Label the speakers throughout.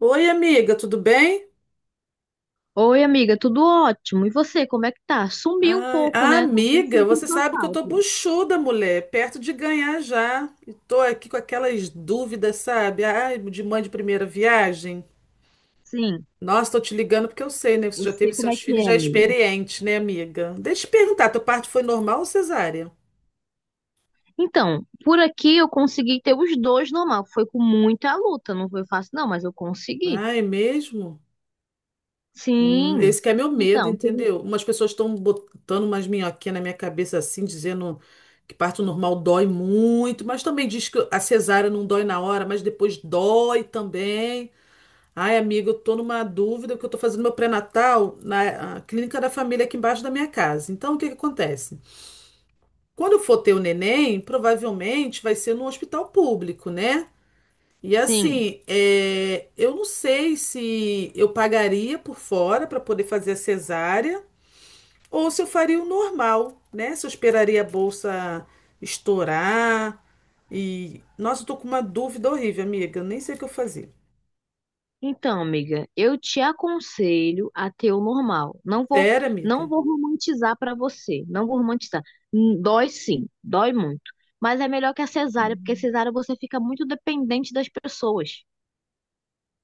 Speaker 1: Oi, amiga, tudo bem?
Speaker 2: Oi, amiga, tudo ótimo. E você, como é que tá? Sumiu um
Speaker 1: Ai,
Speaker 2: pouco, né? Tô até
Speaker 1: amiga,
Speaker 2: sentindo
Speaker 1: você
Speaker 2: sua
Speaker 1: sabe que eu tô
Speaker 2: falta.
Speaker 1: buchuda, mulher, perto de ganhar já. E tô aqui com aquelas dúvidas, sabe? Ai, de mãe de primeira viagem.
Speaker 2: Sim,
Speaker 1: Nossa, tô te ligando porque eu sei, né? Você
Speaker 2: eu
Speaker 1: já teve
Speaker 2: sei como é
Speaker 1: seus
Speaker 2: que
Speaker 1: filhos,
Speaker 2: é,
Speaker 1: já é
Speaker 2: amiga.
Speaker 1: experiente, né, amiga? Deixa eu te perguntar, teu parto foi normal ou cesárea?
Speaker 2: Então, por aqui eu consegui ter os dois normal. Foi com muita luta, não foi fácil, não, mas eu consegui.
Speaker 1: Ai, mesmo?
Speaker 2: Sim.
Speaker 1: Esse que é meu medo,
Speaker 2: Então,
Speaker 1: entendeu? Umas pessoas estão botando umas minhoquinhas na minha cabeça assim, dizendo que parto normal dói muito, mas também diz que a cesárea não dói na hora, mas depois dói também. Ai, amiga, eu tô numa dúvida porque eu tô fazendo meu pré-natal na clínica da família aqui embaixo da minha casa. Então, o que que acontece? Quando eu for ter o neném, provavelmente vai ser num hospital público, né? E
Speaker 2: sim.
Speaker 1: assim, é, eu não sei se eu pagaria por fora para poder fazer a cesárea ou se eu faria o normal, né? Se eu esperaria a bolsa estourar. E. Nossa, eu tô com uma dúvida horrível, amiga. Eu nem sei o que eu fazia.
Speaker 2: Então, amiga, eu te aconselho a ter o normal. Não vou,
Speaker 1: Sério,
Speaker 2: não
Speaker 1: amiga?
Speaker 2: vou romantizar pra você, não vou romantizar. Dói sim, dói muito, mas é melhor que a cesárea, porque a
Speaker 1: Hum.
Speaker 2: cesárea você fica muito dependente das pessoas.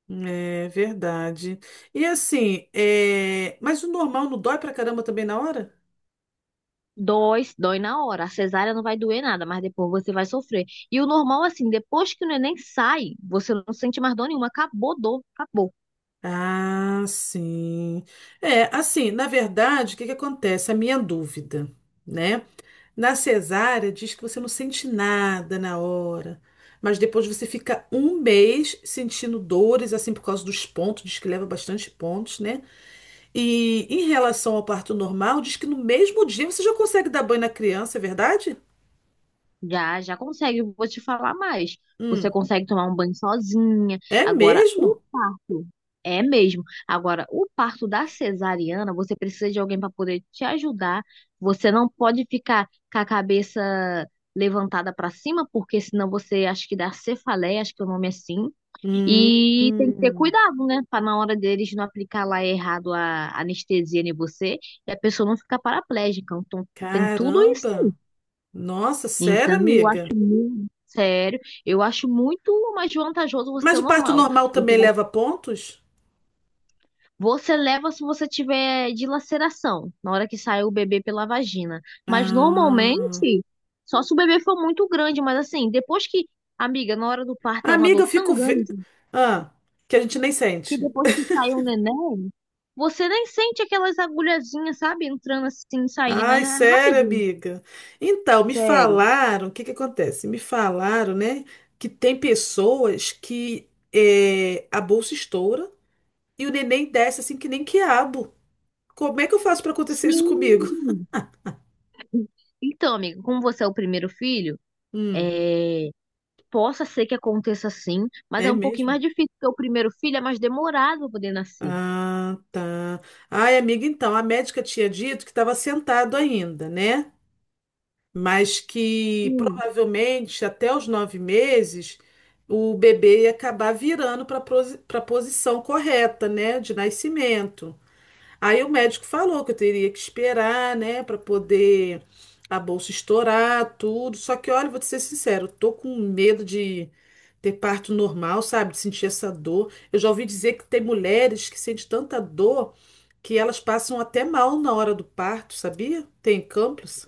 Speaker 1: É verdade. E assim, mas o normal não dói pra caramba também na hora?
Speaker 2: Dói, dói na hora. A cesárea não vai doer nada, mas depois você vai sofrer. E o normal, assim, depois que o neném sai, você não sente mais dor nenhuma. Acabou dor, acabou.
Speaker 1: Ah, sim. É, assim, na verdade, o que que acontece? A minha dúvida, né? Na cesárea, diz que você não sente nada na hora, mas depois você fica um mês sentindo dores, assim, por causa dos pontos, diz que leva bastante pontos, né? E em relação ao parto normal, diz que no mesmo dia você já consegue dar banho na criança, é verdade?
Speaker 2: Já, já consegue, eu vou te falar mais. Você
Speaker 1: Hum,
Speaker 2: consegue tomar um banho sozinha.
Speaker 1: é
Speaker 2: Agora, o
Speaker 1: mesmo?
Speaker 2: parto, é mesmo. Agora, o parto da cesariana, você precisa de alguém para poder te ajudar. Você não pode ficar com a cabeça levantada para cima, porque senão você acho que dá cefaleia, acho que é o nome é assim.
Speaker 1: Hum,
Speaker 2: E tem que ter
Speaker 1: hum.
Speaker 2: cuidado, né? Para na hora deles não aplicar lá errado a anestesia em você e a pessoa não ficar paraplégica. Então, tem tudo isso.
Speaker 1: Caramba! Nossa, sério,
Speaker 2: Então, eu
Speaker 1: amiga?
Speaker 2: sério, eu acho muito mais vantajoso você
Speaker 1: Mas
Speaker 2: ter o
Speaker 1: o parto
Speaker 2: normal.
Speaker 1: normal
Speaker 2: Você
Speaker 1: também
Speaker 2: vai-
Speaker 1: leva pontos?
Speaker 2: Você leva se você tiver dilaceração, na hora que sai o bebê pela vagina. Mas
Speaker 1: Ah,
Speaker 2: normalmente, só se o bebê for muito grande. Mas assim, depois que, amiga, na hora do parto é uma
Speaker 1: amiga,
Speaker 2: dor
Speaker 1: eu
Speaker 2: tão
Speaker 1: fico.
Speaker 2: grande
Speaker 1: Ah, que a gente nem
Speaker 2: que
Speaker 1: sente.
Speaker 2: depois que sai o neném, você nem sente aquelas agulhazinhas, sabe? Entrando assim, saindo. É
Speaker 1: Ai, sério,
Speaker 2: rapidinho.
Speaker 1: amiga? Então, me
Speaker 2: Sério.
Speaker 1: falaram, o que que acontece? Me falaram, né, que tem pessoas que a bolsa estoura e o neném desce assim que nem quiabo. Como é que eu faço para acontecer isso comigo?
Speaker 2: Sim. Então, amiga, como você é o primeiro filho,
Speaker 1: Hum,
Speaker 2: é. Possa ser que aconteça sim, mas é
Speaker 1: é
Speaker 2: um pouquinho
Speaker 1: mesmo?
Speaker 2: mais difícil, porque o primeiro filho é mais demorado para poder nascer.
Speaker 1: Ah, tá. Ai, amiga, então, a médica tinha dito que estava sentado ainda, né? Mas que
Speaker 2: Sim.
Speaker 1: provavelmente até os 9 meses o bebê ia acabar virando para a posição correta, né, de nascimento. Aí o médico falou que eu teria que esperar, né, para poder a bolsa estourar, tudo. Só que, olha, vou te ser sincero, eu tô com medo de ter parto normal, sabe, de sentir essa dor. Eu já ouvi dizer que tem mulheres que sentem tanta dor que elas passam até mal na hora do parto, sabia? Tem campos.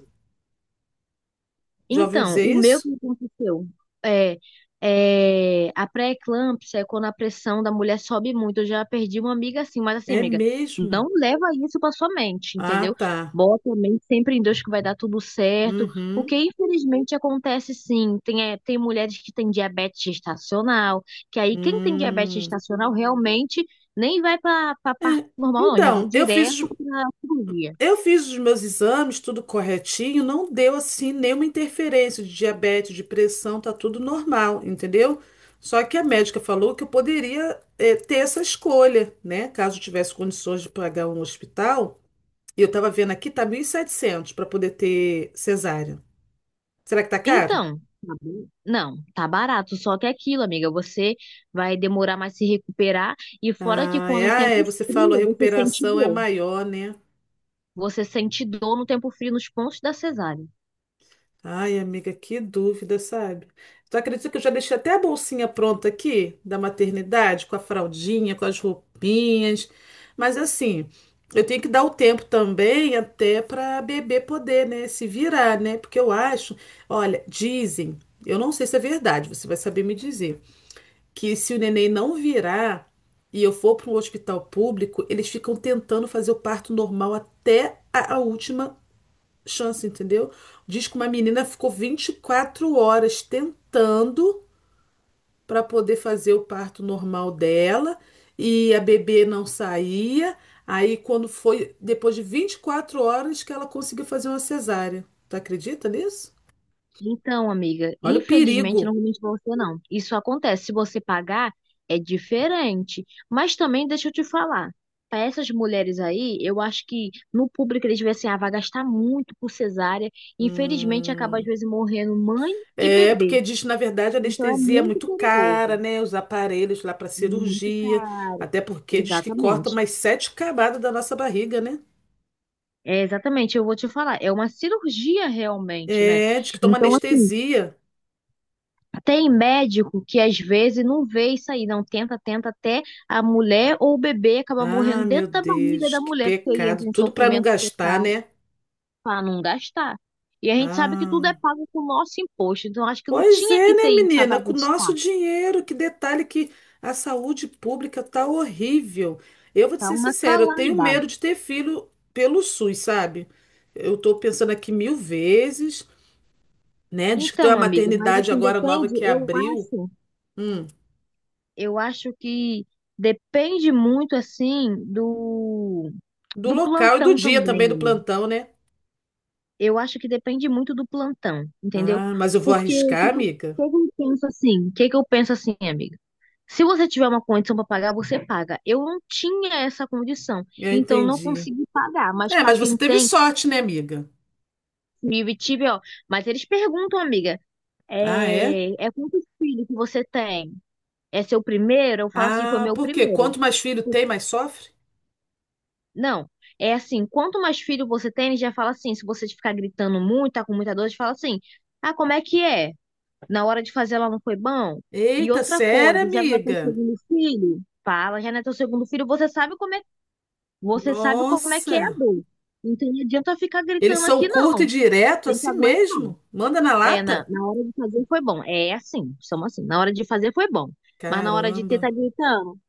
Speaker 1: Já ouviu
Speaker 2: Então,
Speaker 1: dizer
Speaker 2: o meu
Speaker 1: isso?
Speaker 2: que aconteceu é, é a pré-eclâmpsia é quando a pressão da mulher sobe muito. Eu já perdi uma amiga assim, mas assim,
Speaker 1: É
Speaker 2: amiga,
Speaker 1: mesmo?
Speaker 2: não leva isso pra sua mente,
Speaker 1: Ah,
Speaker 2: entendeu?
Speaker 1: tá.
Speaker 2: Bota a mente sempre em Deus que vai dar tudo certo, porque
Speaker 1: Uhum.
Speaker 2: infelizmente acontece sim. Tem mulheres que têm diabetes gestacional, que aí quem tem diabetes
Speaker 1: Hum.
Speaker 2: gestacional realmente nem vai pra parte
Speaker 1: É.
Speaker 2: normal, não, já vai
Speaker 1: Então,
Speaker 2: direto pra cirurgia.
Speaker 1: eu fiz os meus exames, tudo corretinho, não deu assim nenhuma interferência de diabetes, de pressão, tá tudo normal, entendeu? Só que a médica falou que eu poderia, ter essa escolha, né? Caso eu tivesse condições de pagar um hospital. E eu tava vendo aqui, tá 1.700 para poder ter cesárea. Será que tá caro?
Speaker 2: Então, tá bom, não, tá barato, só que é aquilo, amiga, você vai demorar mais se recuperar e fora que quando o
Speaker 1: Ah,
Speaker 2: tempo
Speaker 1: é, você falou, a
Speaker 2: esfria, você sente
Speaker 1: recuperação é
Speaker 2: dor.
Speaker 1: maior, né?
Speaker 2: Você sente dor no tempo frio nos pontos da cesárea.
Speaker 1: Ai, amiga, que dúvida, sabe? Tu acredita que eu já deixei até a bolsinha pronta aqui da maternidade, com a fraldinha, com as roupinhas. Mas assim, eu tenho que dar o tempo também até para bebê poder, né, se virar, né? Porque eu acho, olha, dizem, eu não sei se é verdade, você vai saber me dizer, que se o neném não virar e eu for para um hospital público, eles ficam tentando fazer o parto normal até a última chance, entendeu? Diz que uma menina ficou 24 horas tentando para poder fazer o parto normal dela e a bebê não saía. Aí, quando foi depois de 24 horas que ela conseguiu fazer uma cesárea. Tu acredita nisso?
Speaker 2: Então, amiga,
Speaker 1: Olha o
Speaker 2: infelizmente não
Speaker 1: perigo.
Speaker 2: vou mentir pra você não. Isso acontece, se você pagar é diferente, mas também deixa eu te falar. Para essas mulheres aí, eu acho que no público eles veem assim, ah, vai gastar muito por cesárea. Infelizmente acaba às
Speaker 1: Hum.
Speaker 2: vezes morrendo mãe e
Speaker 1: É, porque
Speaker 2: bebê.
Speaker 1: diz que, na verdade, a
Speaker 2: Então é
Speaker 1: anestesia é
Speaker 2: muito
Speaker 1: muito cara,
Speaker 2: perigoso,
Speaker 1: né? Os aparelhos lá para
Speaker 2: muito
Speaker 1: cirurgia.
Speaker 2: caro.
Speaker 1: Até porque diz que corta
Speaker 2: Exatamente.
Speaker 1: mais sete camadas da nossa barriga, né?
Speaker 2: É, exatamente, eu vou te falar, é uma cirurgia realmente, né?
Speaker 1: É, diz que toma
Speaker 2: Então, assim,
Speaker 1: anestesia.
Speaker 2: tem médico que às vezes não vê isso aí, não tenta, tenta até a mulher ou o bebê acaba
Speaker 1: Ah,
Speaker 2: morrendo
Speaker 1: meu
Speaker 2: dentro da barriga
Speaker 1: Deus,
Speaker 2: da
Speaker 1: que
Speaker 2: mulher, porque aí
Speaker 1: pecado.
Speaker 2: entra em
Speaker 1: Tudo para não
Speaker 2: sofrimento
Speaker 1: gastar,
Speaker 2: fetal
Speaker 1: né?
Speaker 2: para não gastar. E a gente sabe que tudo
Speaker 1: Ah,
Speaker 2: é pago com o nosso imposto, então acho que não
Speaker 1: pois
Speaker 2: tinha
Speaker 1: é,
Speaker 2: que
Speaker 1: né,
Speaker 2: ter isso
Speaker 1: menina?
Speaker 2: para
Speaker 1: Com o
Speaker 2: gastar,
Speaker 1: nosso dinheiro, que detalhe que a saúde pública tá horrível. Eu vou te
Speaker 2: tá?
Speaker 1: ser
Speaker 2: Uma
Speaker 1: sincera, eu tenho
Speaker 2: calamidade.
Speaker 1: medo de ter filho pelo SUS, sabe? Eu tô pensando aqui mil vezes, né? Diz que tem uma
Speaker 2: Então, amiga, mas
Speaker 1: maternidade
Speaker 2: assim,
Speaker 1: agora nova
Speaker 2: depende,
Speaker 1: que
Speaker 2: eu
Speaker 1: abriu.
Speaker 2: acho.
Speaker 1: Hum,
Speaker 2: Eu acho que depende muito, assim, do,
Speaker 1: do
Speaker 2: do
Speaker 1: local e do
Speaker 2: plantão
Speaker 1: dia
Speaker 2: também,
Speaker 1: também, do
Speaker 2: Lu.
Speaker 1: plantão, né?
Speaker 2: Eu acho que depende muito do plantão, entendeu?
Speaker 1: Ah, mas eu vou
Speaker 2: Porque o
Speaker 1: arriscar,
Speaker 2: que que eu,
Speaker 1: amiga?
Speaker 2: o que que eu penso assim? O que que eu penso assim, amiga? Se você tiver uma condição para pagar, você paga. Eu não tinha essa condição,
Speaker 1: Eu
Speaker 2: então não
Speaker 1: entendi.
Speaker 2: consegui pagar. Mas
Speaker 1: É,
Speaker 2: para
Speaker 1: mas você
Speaker 2: quem
Speaker 1: teve
Speaker 2: tem,
Speaker 1: sorte, né, amiga?
Speaker 2: vive, tive, ó. Mas eles perguntam, amiga,
Speaker 1: Ah, é?
Speaker 2: quantos filhos que você tem? É seu primeiro? Eu falo assim, foi
Speaker 1: Ah,
Speaker 2: meu
Speaker 1: por quê?
Speaker 2: primeiro.
Speaker 1: Quanto mais filho tem, mais sofre?
Speaker 2: Não, é assim, quanto mais filho você tem, ele já fala assim, se você ficar gritando muito, tá com muita dor, ele fala assim, ah, como é que é? Na hora de fazer ela não foi bom? E
Speaker 1: Eita,
Speaker 2: outra
Speaker 1: sério,
Speaker 2: coisa, já não é teu
Speaker 1: amiga?
Speaker 2: segundo filho? Fala, já não é teu segundo filho, você sabe como é, você sabe como é que é a
Speaker 1: Nossa!
Speaker 2: dor. Então não adianta ficar
Speaker 1: Eles
Speaker 2: gritando
Speaker 1: são
Speaker 2: aqui,
Speaker 1: curto e
Speaker 2: não.
Speaker 1: direto,
Speaker 2: Tem que
Speaker 1: assim
Speaker 2: aguentar.
Speaker 1: mesmo? Manda na
Speaker 2: É, na,
Speaker 1: lata?
Speaker 2: na hora de fazer foi bom. É assim, somos assim. Na hora de fazer foi bom. Mas na hora de ter,
Speaker 1: Caramba!
Speaker 2: tá gritando.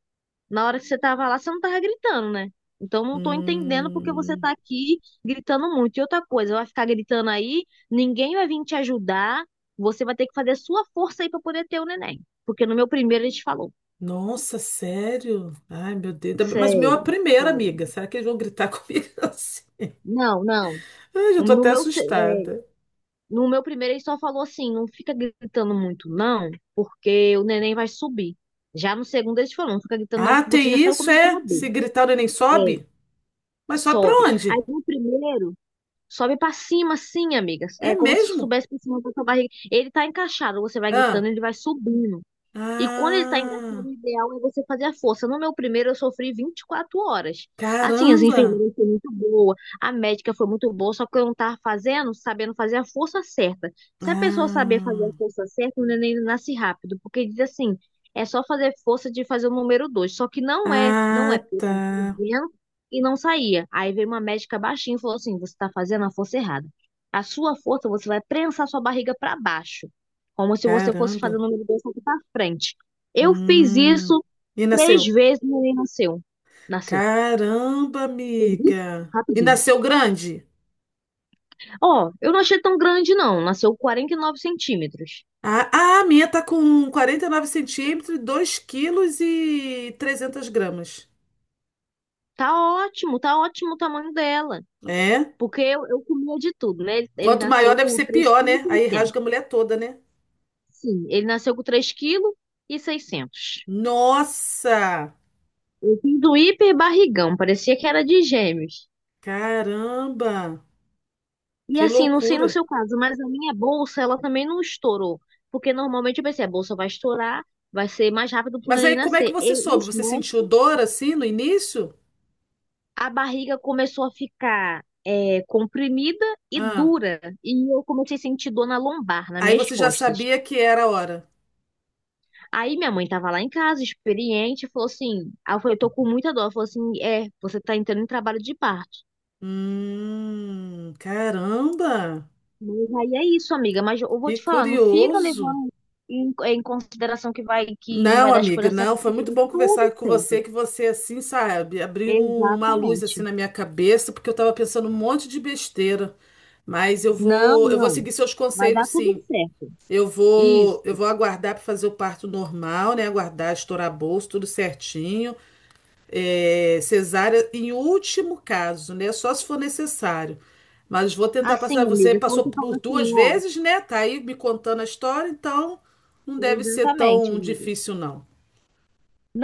Speaker 2: Na hora que você tava lá, você não tava gritando, né? Então não tô entendendo porque você
Speaker 1: Hum,
Speaker 2: tá aqui gritando muito. E outra coisa, vai ficar gritando aí, ninguém vai vir te ajudar, você vai ter que fazer a sua força aí pra poder ter o neném. Porque no meu primeiro ele te falou.
Speaker 1: nossa, sério? Ai, meu Deus. Mas o meu é a
Speaker 2: Sério,
Speaker 1: primeira,
Speaker 2: sério.
Speaker 1: amiga. Será que eles vão gritar comigo assim?
Speaker 2: Não, não.
Speaker 1: Ai, já tô
Speaker 2: No
Speaker 1: até
Speaker 2: meu, se- é,
Speaker 1: assustada.
Speaker 2: no meu primeiro ele só falou assim, não fica gritando muito não, porque o neném vai subir. Já no segundo ele te falou, não fica gritando não,
Speaker 1: Ah,
Speaker 2: porque você
Speaker 1: tem
Speaker 2: já sabe
Speaker 1: isso,
Speaker 2: como é que é
Speaker 1: é?
Speaker 2: o bebê.
Speaker 1: Se gritar, o neném
Speaker 2: É,
Speaker 1: sobe? Mas sobe pra
Speaker 2: sobe. Aí
Speaker 1: onde?
Speaker 2: no primeiro Sobe pra cima, assim, amigas.
Speaker 1: É
Speaker 2: É como se
Speaker 1: mesmo?
Speaker 2: soubesse pra cima da sua barriga. Ele tá encaixado, você vai gritando,
Speaker 1: Ah.
Speaker 2: ele vai subindo. E quando ele tá encaixado,
Speaker 1: Ah,
Speaker 2: o ideal é você fazer a força. No meu primeiro, eu sofri 24 horas. Assim, as
Speaker 1: caramba!
Speaker 2: enfermeiras foram muito boas, a médica foi muito boa, só que eu não tava sabendo fazer a força certa. Se a pessoa saber fazer a
Speaker 1: Ah,
Speaker 2: força certa, o neném nasce rápido, porque diz assim, é só fazer força de fazer o número 2. Só que não é
Speaker 1: ah, tá.
Speaker 2: dentro e não saía. Aí veio uma médica baixinha e falou assim: você está fazendo a força errada. A sua força, você vai prensar sua barriga para baixo, como se você fosse fazer
Speaker 1: Caramba.
Speaker 2: o número dois aqui para frente. Eu fiz
Speaker 1: Hum.
Speaker 2: isso
Speaker 1: E
Speaker 2: três
Speaker 1: nasceu?
Speaker 2: vezes e o neném nasceu. Nasceu.
Speaker 1: Caramba,
Speaker 2: Fez bip.
Speaker 1: amiga. E
Speaker 2: Rapidinho.
Speaker 1: nasceu grande?
Speaker 2: Ó, eu não achei tão grande, não. Nasceu 49 cm.
Speaker 1: Ah, ah, a minha tá com 49 centímetros, 2 quilos e 300 gramas.
Speaker 2: Tá tá ótimo o tamanho dela.
Speaker 1: É?
Speaker 2: Porque eu comia de tudo, né? Ele
Speaker 1: Quanto
Speaker 2: nasceu
Speaker 1: maior deve
Speaker 2: com
Speaker 1: ser pior, né? Aí
Speaker 2: 3,6 kg.
Speaker 1: rasga a mulher toda, né?
Speaker 2: Sim, ele nasceu com 3,6 kg.
Speaker 1: Nossa!
Speaker 2: Eu fiz do hiper barrigão, parecia que era de gêmeos.
Speaker 1: Caramba!
Speaker 2: E
Speaker 1: Que
Speaker 2: assim, não sei no
Speaker 1: loucura!
Speaker 2: seu caso, mas a minha bolsa, ela também não estourou. Porque normalmente eu pensei, a bolsa vai estourar, vai ser mais rápido pro
Speaker 1: Mas aí
Speaker 2: neném
Speaker 1: como é que
Speaker 2: nascer.
Speaker 1: você
Speaker 2: E
Speaker 1: soube?
Speaker 2: os
Speaker 1: Você sentiu
Speaker 2: médicos,
Speaker 1: dor assim no início?
Speaker 2: a barriga começou a ficar comprimida e
Speaker 1: Ah,
Speaker 2: dura. E eu comecei a sentir dor na lombar, nas
Speaker 1: aí
Speaker 2: minhas
Speaker 1: você já
Speaker 2: costas.
Speaker 1: sabia que era a hora.
Speaker 2: Aí minha mãe tava lá em casa, experiente, falou assim, aí eu falei, tô com muita dor. Ela falou assim, você tá entrando em trabalho de parto.
Speaker 1: Caramba,
Speaker 2: Mas aí é isso, amiga. Mas eu vou
Speaker 1: que
Speaker 2: te falar, não fica
Speaker 1: curioso.
Speaker 2: levando em consideração que vai que não vai
Speaker 1: Não,
Speaker 2: dar as
Speaker 1: amiga,
Speaker 2: coisas
Speaker 1: não,
Speaker 2: certas,
Speaker 1: foi
Speaker 2: porque
Speaker 1: muito
Speaker 2: vai dar
Speaker 1: bom
Speaker 2: tudo
Speaker 1: conversar com
Speaker 2: certo.
Speaker 1: você, que você assim, sabe, abriu uma luz assim
Speaker 2: Exatamente.
Speaker 1: na minha cabeça, porque eu tava pensando um monte de besteira. Mas eu
Speaker 2: Não,
Speaker 1: vou, eu vou
Speaker 2: não.
Speaker 1: seguir seus
Speaker 2: Vai
Speaker 1: conselhos,
Speaker 2: dar tudo
Speaker 1: sim.
Speaker 2: certo.
Speaker 1: Eu vou,
Speaker 2: Isso.
Speaker 1: eu vou aguardar para fazer o parto normal, né? Aguardar estourar bolso, tudo certinho. É, cesárea em último caso, né? Só se for necessário. Mas vou tentar passar.
Speaker 2: Assim,
Speaker 1: Você
Speaker 2: amiga, se
Speaker 1: passou
Speaker 2: você
Speaker 1: por
Speaker 2: falar
Speaker 1: duas
Speaker 2: assim, ó.
Speaker 1: vezes, né? Tá aí me contando a história, então não deve ser
Speaker 2: Exatamente,
Speaker 1: tão
Speaker 2: amiga.
Speaker 1: difícil, não.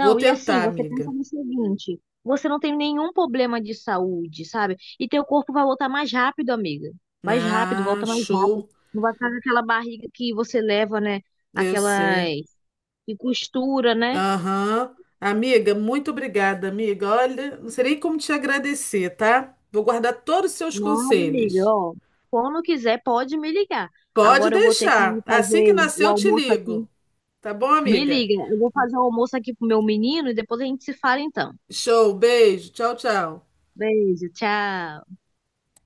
Speaker 1: Vou
Speaker 2: e assim,
Speaker 1: tentar,
Speaker 2: você pensa
Speaker 1: amiga.
Speaker 2: no seguinte: você não tem nenhum problema de saúde, sabe? E teu corpo vai voltar mais rápido, amiga. Mais rápido,
Speaker 1: Ah,
Speaker 2: volta mais rápido.
Speaker 1: show.
Speaker 2: Não vai ficar com aquela barriga que você leva, né?
Speaker 1: Eu
Speaker 2: Aquelas
Speaker 1: sei.
Speaker 2: e costura, né?
Speaker 1: Aham. Amiga, muito obrigada, amiga. Olha, não sei nem como te agradecer, tá? Vou guardar todos os seus
Speaker 2: Nada, amiga,
Speaker 1: conselhos.
Speaker 2: ó. Quando quiser, pode me ligar.
Speaker 1: Pode
Speaker 2: Agora eu vou ter que
Speaker 1: deixar.
Speaker 2: ir
Speaker 1: Assim que
Speaker 2: fazer
Speaker 1: nascer,
Speaker 2: o
Speaker 1: eu te
Speaker 2: almoço aqui.
Speaker 1: ligo. Tá bom,
Speaker 2: Me
Speaker 1: amiga?
Speaker 2: liga, eu vou fazer o almoço aqui pro meu menino e depois a gente se fala então.
Speaker 1: Show, beijo. Tchau, tchau.
Speaker 2: Beijo, tchau.